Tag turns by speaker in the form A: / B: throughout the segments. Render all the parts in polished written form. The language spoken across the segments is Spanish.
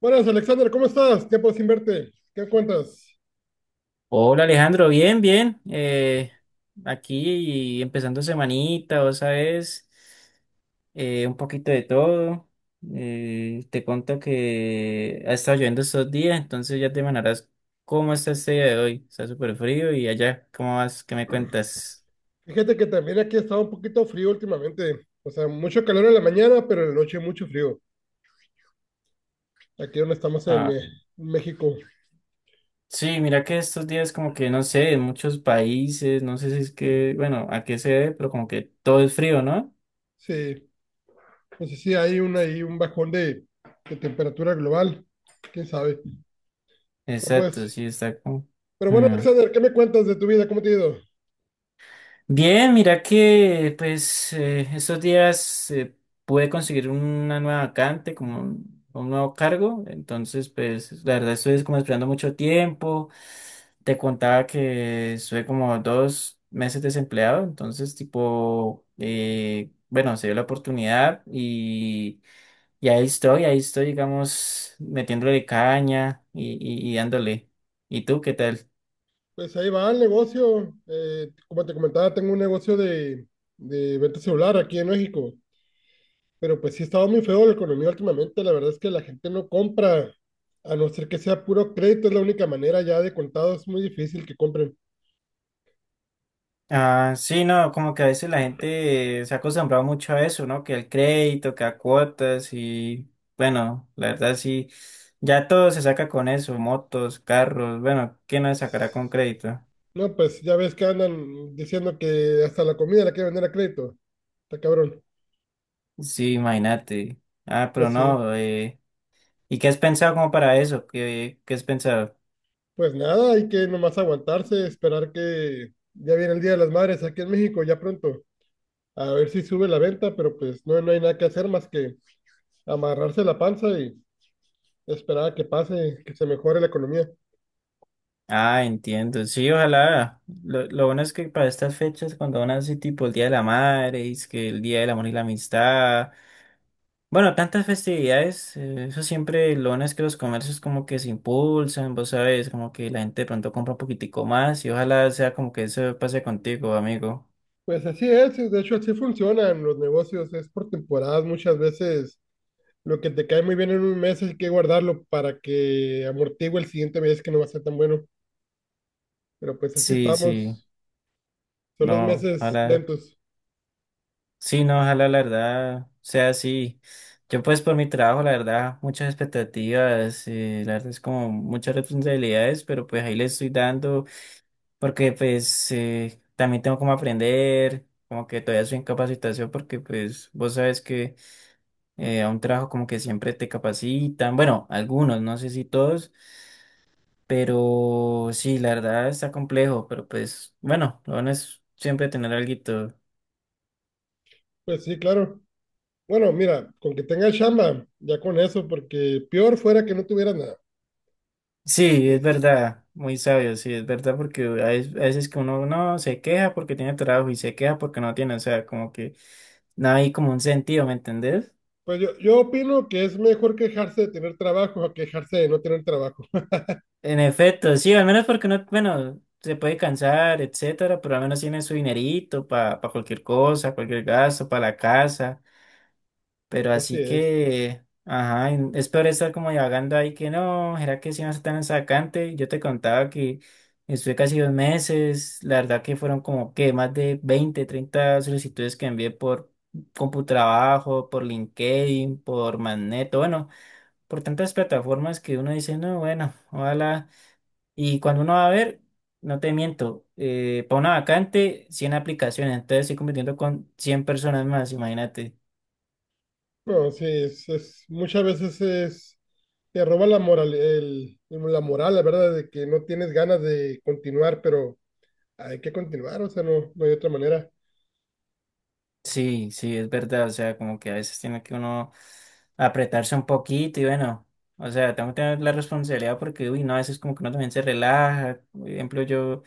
A: Buenas, Alexander, ¿cómo estás? Tiempo sin verte. ¿Qué cuentas?
B: Hola Alejandro, bien, bien. Aquí empezando semanita, vos sabes, un poquito de todo. Te cuento que ha estado lloviendo estos días, entonces ya te imaginarás cómo está este día de hoy. Está súper frío y allá, ¿cómo vas? ¿Qué me cuentas?
A: Fíjate que también aquí ha estado un poquito frío últimamente. O sea, mucho calor en la mañana, pero en la noche mucho frío. Aquí donde estamos en
B: Ah,
A: México.
B: sí, mira que estos días como que no sé, en muchos países, no sé si es que, bueno, a qué se debe, pero como que todo es frío, ¿no?
A: Sí, no sé si hay ahí un bajón de temperatura global. ¿Quién sabe? No,
B: Exacto,
A: pues.
B: sí, está como...
A: Pero bueno,
B: Mm.
A: Alexander, ¿qué me cuentas de tu vida? ¿Cómo te ha ido?
B: Bien, mira que pues estos días pude conseguir una nueva vacante, como un nuevo cargo, entonces pues la verdad estoy como esperando mucho tiempo, te contaba que estuve como 2 meses desempleado, entonces tipo, bueno, se dio la oportunidad y ahí estoy digamos metiéndole caña y dándole. ¿Y tú qué tal?
A: Pues ahí va el negocio. Como te comentaba, tengo un negocio de venta celular aquí en México. Pero pues sí ha estado muy feo la economía últimamente. La verdad es que la gente no compra, a no ser que sea puro crédito, es la única manera ya de contado. Es muy difícil que compren.
B: Ah, sí, no, como que a veces la gente se ha acostumbrado mucho a eso, ¿no? Que el crédito, que a cuotas y bueno, la verdad sí, ya todo se saca con eso, motos, carros, bueno, ¿qué no se sacará con crédito?
A: No, pues ya ves que andan diciendo que hasta la comida la quieren vender a crédito. Está cabrón.
B: Sí, imagínate. Ah, pero
A: Pues sí.
B: no, ¿y qué has pensado como para eso? ¿Qué, qué has pensado?
A: Pues nada, hay que nomás aguantarse, esperar que ya viene el Día de las Madres aquí en México, ya pronto. A ver si sube la venta, pero pues no, no hay nada que hacer más que amarrarse la panza y esperar a que pase, que se mejore la economía.
B: Ah, entiendo, sí, ojalá. Lo bueno es que para estas fechas, cuando van así tipo el Día de la Madre, y es que el Día del Amor y la Amistad. Bueno, tantas festividades, eso siempre lo bueno es que los comercios como que se impulsan, vos sabes, como que la gente de pronto compra un poquitico más y ojalá sea como que eso pase contigo, amigo.
A: Pues así es, de hecho así funcionan los negocios, es por temporadas muchas veces lo que te cae muy bien en un mes hay que guardarlo para que amortigue el siguiente mes que no va a ser tan bueno, pero pues así
B: Sí,
A: estamos, son los
B: no,
A: meses
B: ojalá,
A: lentos,
B: sí, no, ojalá la verdad sea así. Yo pues por mi trabajo, la verdad, muchas expectativas, la verdad es como muchas responsabilidades, pero pues ahí le estoy dando porque pues también tengo como aprender, como que todavía soy en capacitación porque pues vos sabes que... A un trabajo como que siempre te capacitan, bueno, algunos, no sé si todos, pero sí, la verdad está complejo, pero pues bueno, lo bueno es siempre tener alguito.
A: pues sí, claro. Bueno, mira, con que tengas chamba, ya con eso, porque peor fuera que no tuviera nada.
B: Sí,
A: Sí,
B: es
A: sí.
B: verdad, muy sabio, sí, es verdad, porque a veces que uno no se queja porque tiene trabajo y se queja porque no tiene, o sea, como que no hay como un sentido, ¿me entendés?
A: Pues yo opino que es mejor quejarse de tener trabajo a quejarse de no tener trabajo,
B: En efecto, sí, al menos porque no, bueno, se puede cansar, etcétera, pero al menos tiene su dinerito para cualquier cosa, cualquier gasto, para la casa. Pero
A: así
B: así
A: es.
B: que, ajá, es peor estar como divagando ahí que no, ¿será que sí va a ser tan sacante? Yo te contaba que estuve casi 2 meses, la verdad que fueron como que más de 20, 30 solicitudes que envié por CompuTrabajo, por LinkedIn, por Magneto, bueno, por tantas plataformas que uno dice, no, bueno, ojalá. Y cuando uno va a ver, no te miento, para una vacante, 100 aplicaciones, entonces estoy compitiendo con 100 personas más, imagínate.
A: No, sí, muchas veces es, te roba la moral, la moral, la verdad, de que no tienes ganas de continuar, pero hay que continuar, o sea, no, no hay otra manera.
B: Sí, sí, es verdad, o sea, como que a veces tiene que uno apretarse un poquito y bueno, o sea, tengo que tener la responsabilidad porque, uy, no, a veces como que uno también se relaja, por ejemplo, yo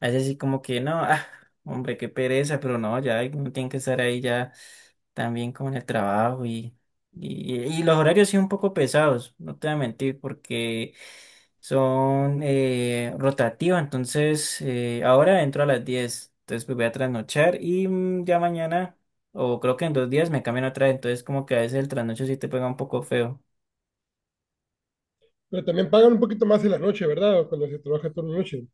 B: a veces sí como que no, ah, hombre, qué pereza, pero no, ya uno tiene que estar ahí ya también como en el trabajo y los horarios sí un poco pesados, no te voy a mentir, porque son rotativos, entonces ahora entro a las 10, entonces pues voy a trasnochar y ya mañana o creo que en 2 días me cambian otra vez, entonces como que a veces el trasnocho sí te pega un poco feo.
A: Pero también pagan un poquito más en la noche, ¿verdad? Cuando se trabaja turno de noche.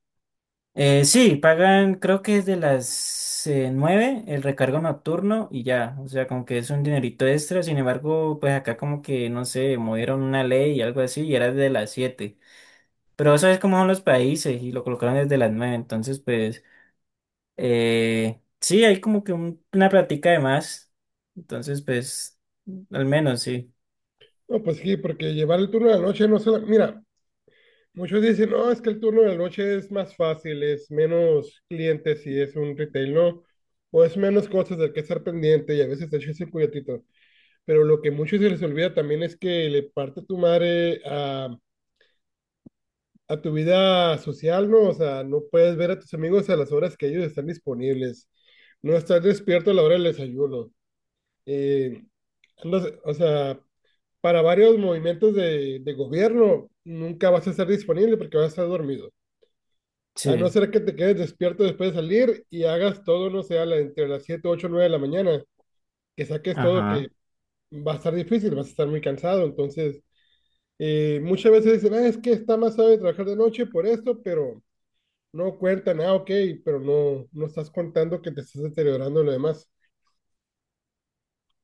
B: Sí, pagan, creo que es de las 9 el recargo nocturno y ya, o sea, como que es un dinerito extra, sin embargo, pues acá como que, no sé, movieron una ley y algo así y era de las 7, pero sabes cómo son los países y lo colocaron desde las 9, entonces pues, sí, hay como que una plática de más, entonces pues, al menos sí,
A: No, pues sí, porque llevar el turno de la noche no solo, mira, muchos dicen, no, es que el turno de la noche es más fácil, es menos clientes si es un retail, ¿no? O es menos cosas del que estar pendiente y a veces te echas un cuyatito. Pero lo que muchos se les olvida también es que le parte tu madre a tu vida social, ¿no? O sea, no puedes ver a tus amigos a las horas que ellos están disponibles. No estás despierto a la hora del desayuno. Eh, o sea, para varios movimientos de gobierno nunca vas a estar disponible porque vas a estar dormido. A no
B: sí,
A: ser que te quedes despierto después de salir y hagas todo, no sé, entre las 7, 8, 9 de la mañana, que saques todo, que
B: ajá.
A: va a estar difícil, vas a estar muy cansado. Entonces, muchas veces dicen, ah, es que está más sabe trabajar de noche por esto, pero no cuentan, ah, ok, pero no estás contando que te estás deteriorando lo demás.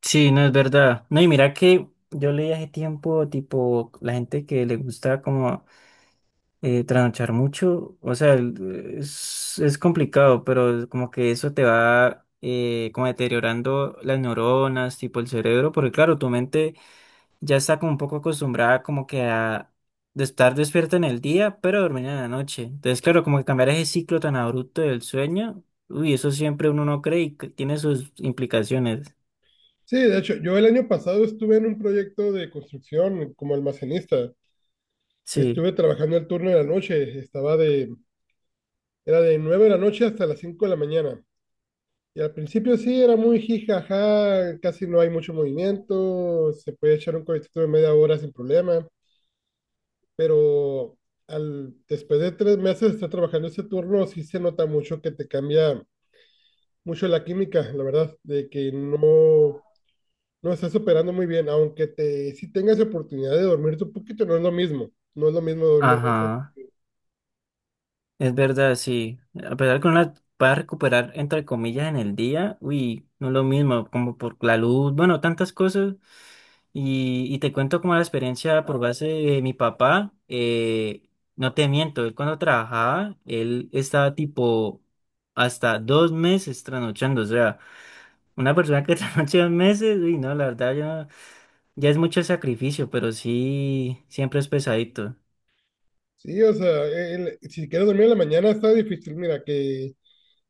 B: Sí, no es verdad. No, y mira que yo leí hace tiempo, tipo, la gente que le gusta como trasnochar mucho, o sea, es complicado, pero como que eso te va como deteriorando las neuronas, tipo el cerebro, porque claro, tu mente ya está como un poco acostumbrada como que a de estar despierta en el día, pero dormir en la noche. Entonces, claro, como que cambiar ese ciclo tan abrupto del sueño, uy, eso siempre uno no cree y que tiene sus implicaciones.
A: Sí, de hecho, yo el año pasado estuve en un proyecto de construcción como almacenista y
B: Sí,
A: estuve trabajando el turno de la noche, estaba de, era de 9 de la noche hasta las 5 de la mañana. Y al principio sí, era muy jijaja, casi no hay mucho movimiento, se puede echar un cohetito de media hora sin problema. Pero después de 3 meses de estar trabajando ese turno, sí se nota mucho que te cambia mucho la química, la verdad, de que no, no estás operando muy bien, aunque te, si tengas oportunidad de dormirte un poquito, no es lo mismo, no es lo mismo dormir ocho.
B: ajá. Es verdad, sí. A pesar que uno la va a recuperar, entre comillas, en el día, uy, no es lo mismo, como por la luz, bueno, tantas cosas. Y te cuento como la experiencia por base de mi papá. No te miento, él cuando trabajaba, él estaba tipo hasta 2 meses trasnochando. O sea, una persona que trasnocha 2 meses, uy, no, la verdad ya, ya es mucho sacrificio, pero sí, siempre es pesadito.
A: Sí, o sea, si quieres dormir en la mañana está difícil, mira, que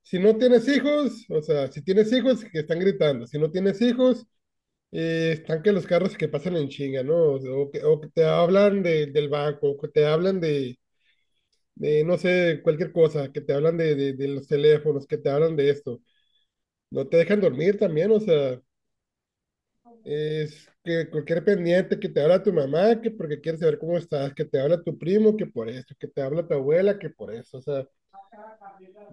A: si no tienes hijos, o sea, si tienes hijos, que están gritando, si no tienes hijos, están que los carros que pasan en chinga, ¿no? O que te hablan del banco, o que te hablan de, no sé, cualquier cosa, que te hablan de los teléfonos, que te hablan de esto. No te dejan dormir también, o sea, es que cualquier pendiente que te habla tu mamá, que porque quiere saber cómo estás, que te habla tu primo, que por esto, que te habla tu abuela, que por eso, o sea,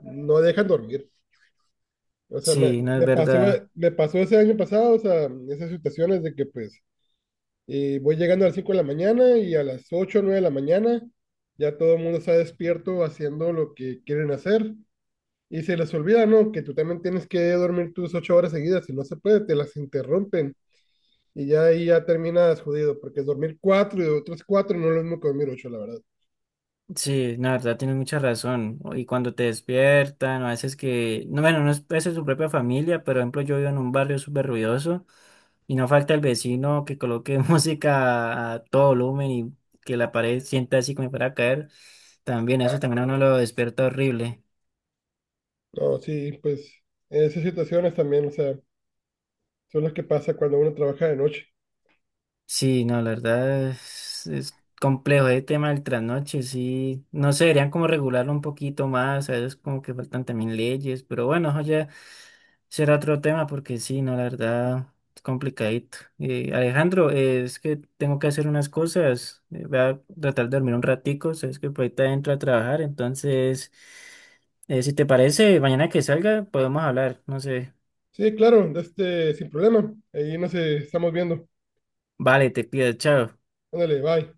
A: no dejan dormir. O sea,
B: Sí, no es verdad.
A: me pasó ese año pasado, o sea, esas situaciones de que pues voy llegando a las 5 de la mañana y a las 8 o 9 de la mañana ya todo el mundo está despierto haciendo lo que quieren hacer. Y se les olvida, ¿no? Que tú también tienes que dormir tus 8 horas seguidas. Si no se puede, te las interrumpen. Y ya ahí ya terminas jodido, porque dormir cuatro y otras cuatro no es lo mismo que dormir ocho, la verdad.
B: Sí, la verdad tienes mucha razón. Y cuando te despiertan, o a veces que, no, bueno, no es a veces su propia familia, pero por ejemplo yo vivo en un barrio súper ruidoso y no falta el vecino que coloque música a todo volumen y que la pared sienta así como para caer. También eso también a uno lo despierta horrible.
A: No, sí, pues esas situaciones también, o sea, son las que pasa cuando uno trabaja de noche.
B: Sí, no, la verdad es complejo el tema del trasnoche, sí, no sé, deberían como regularlo un poquito más, a veces como que faltan también leyes, pero bueno, eso ya será otro tema porque sí, no, la verdad es complicadito. Alejandro, es que tengo que hacer unas cosas, voy a tratar de dormir un ratico, sabes que por ahorita entro a trabajar, entonces, si te parece, mañana que salga podemos hablar, no sé,
A: Sí, claro, este, sin problema. Ahí nos estamos viendo.
B: vale, te pido, chao.
A: Ándale, bye.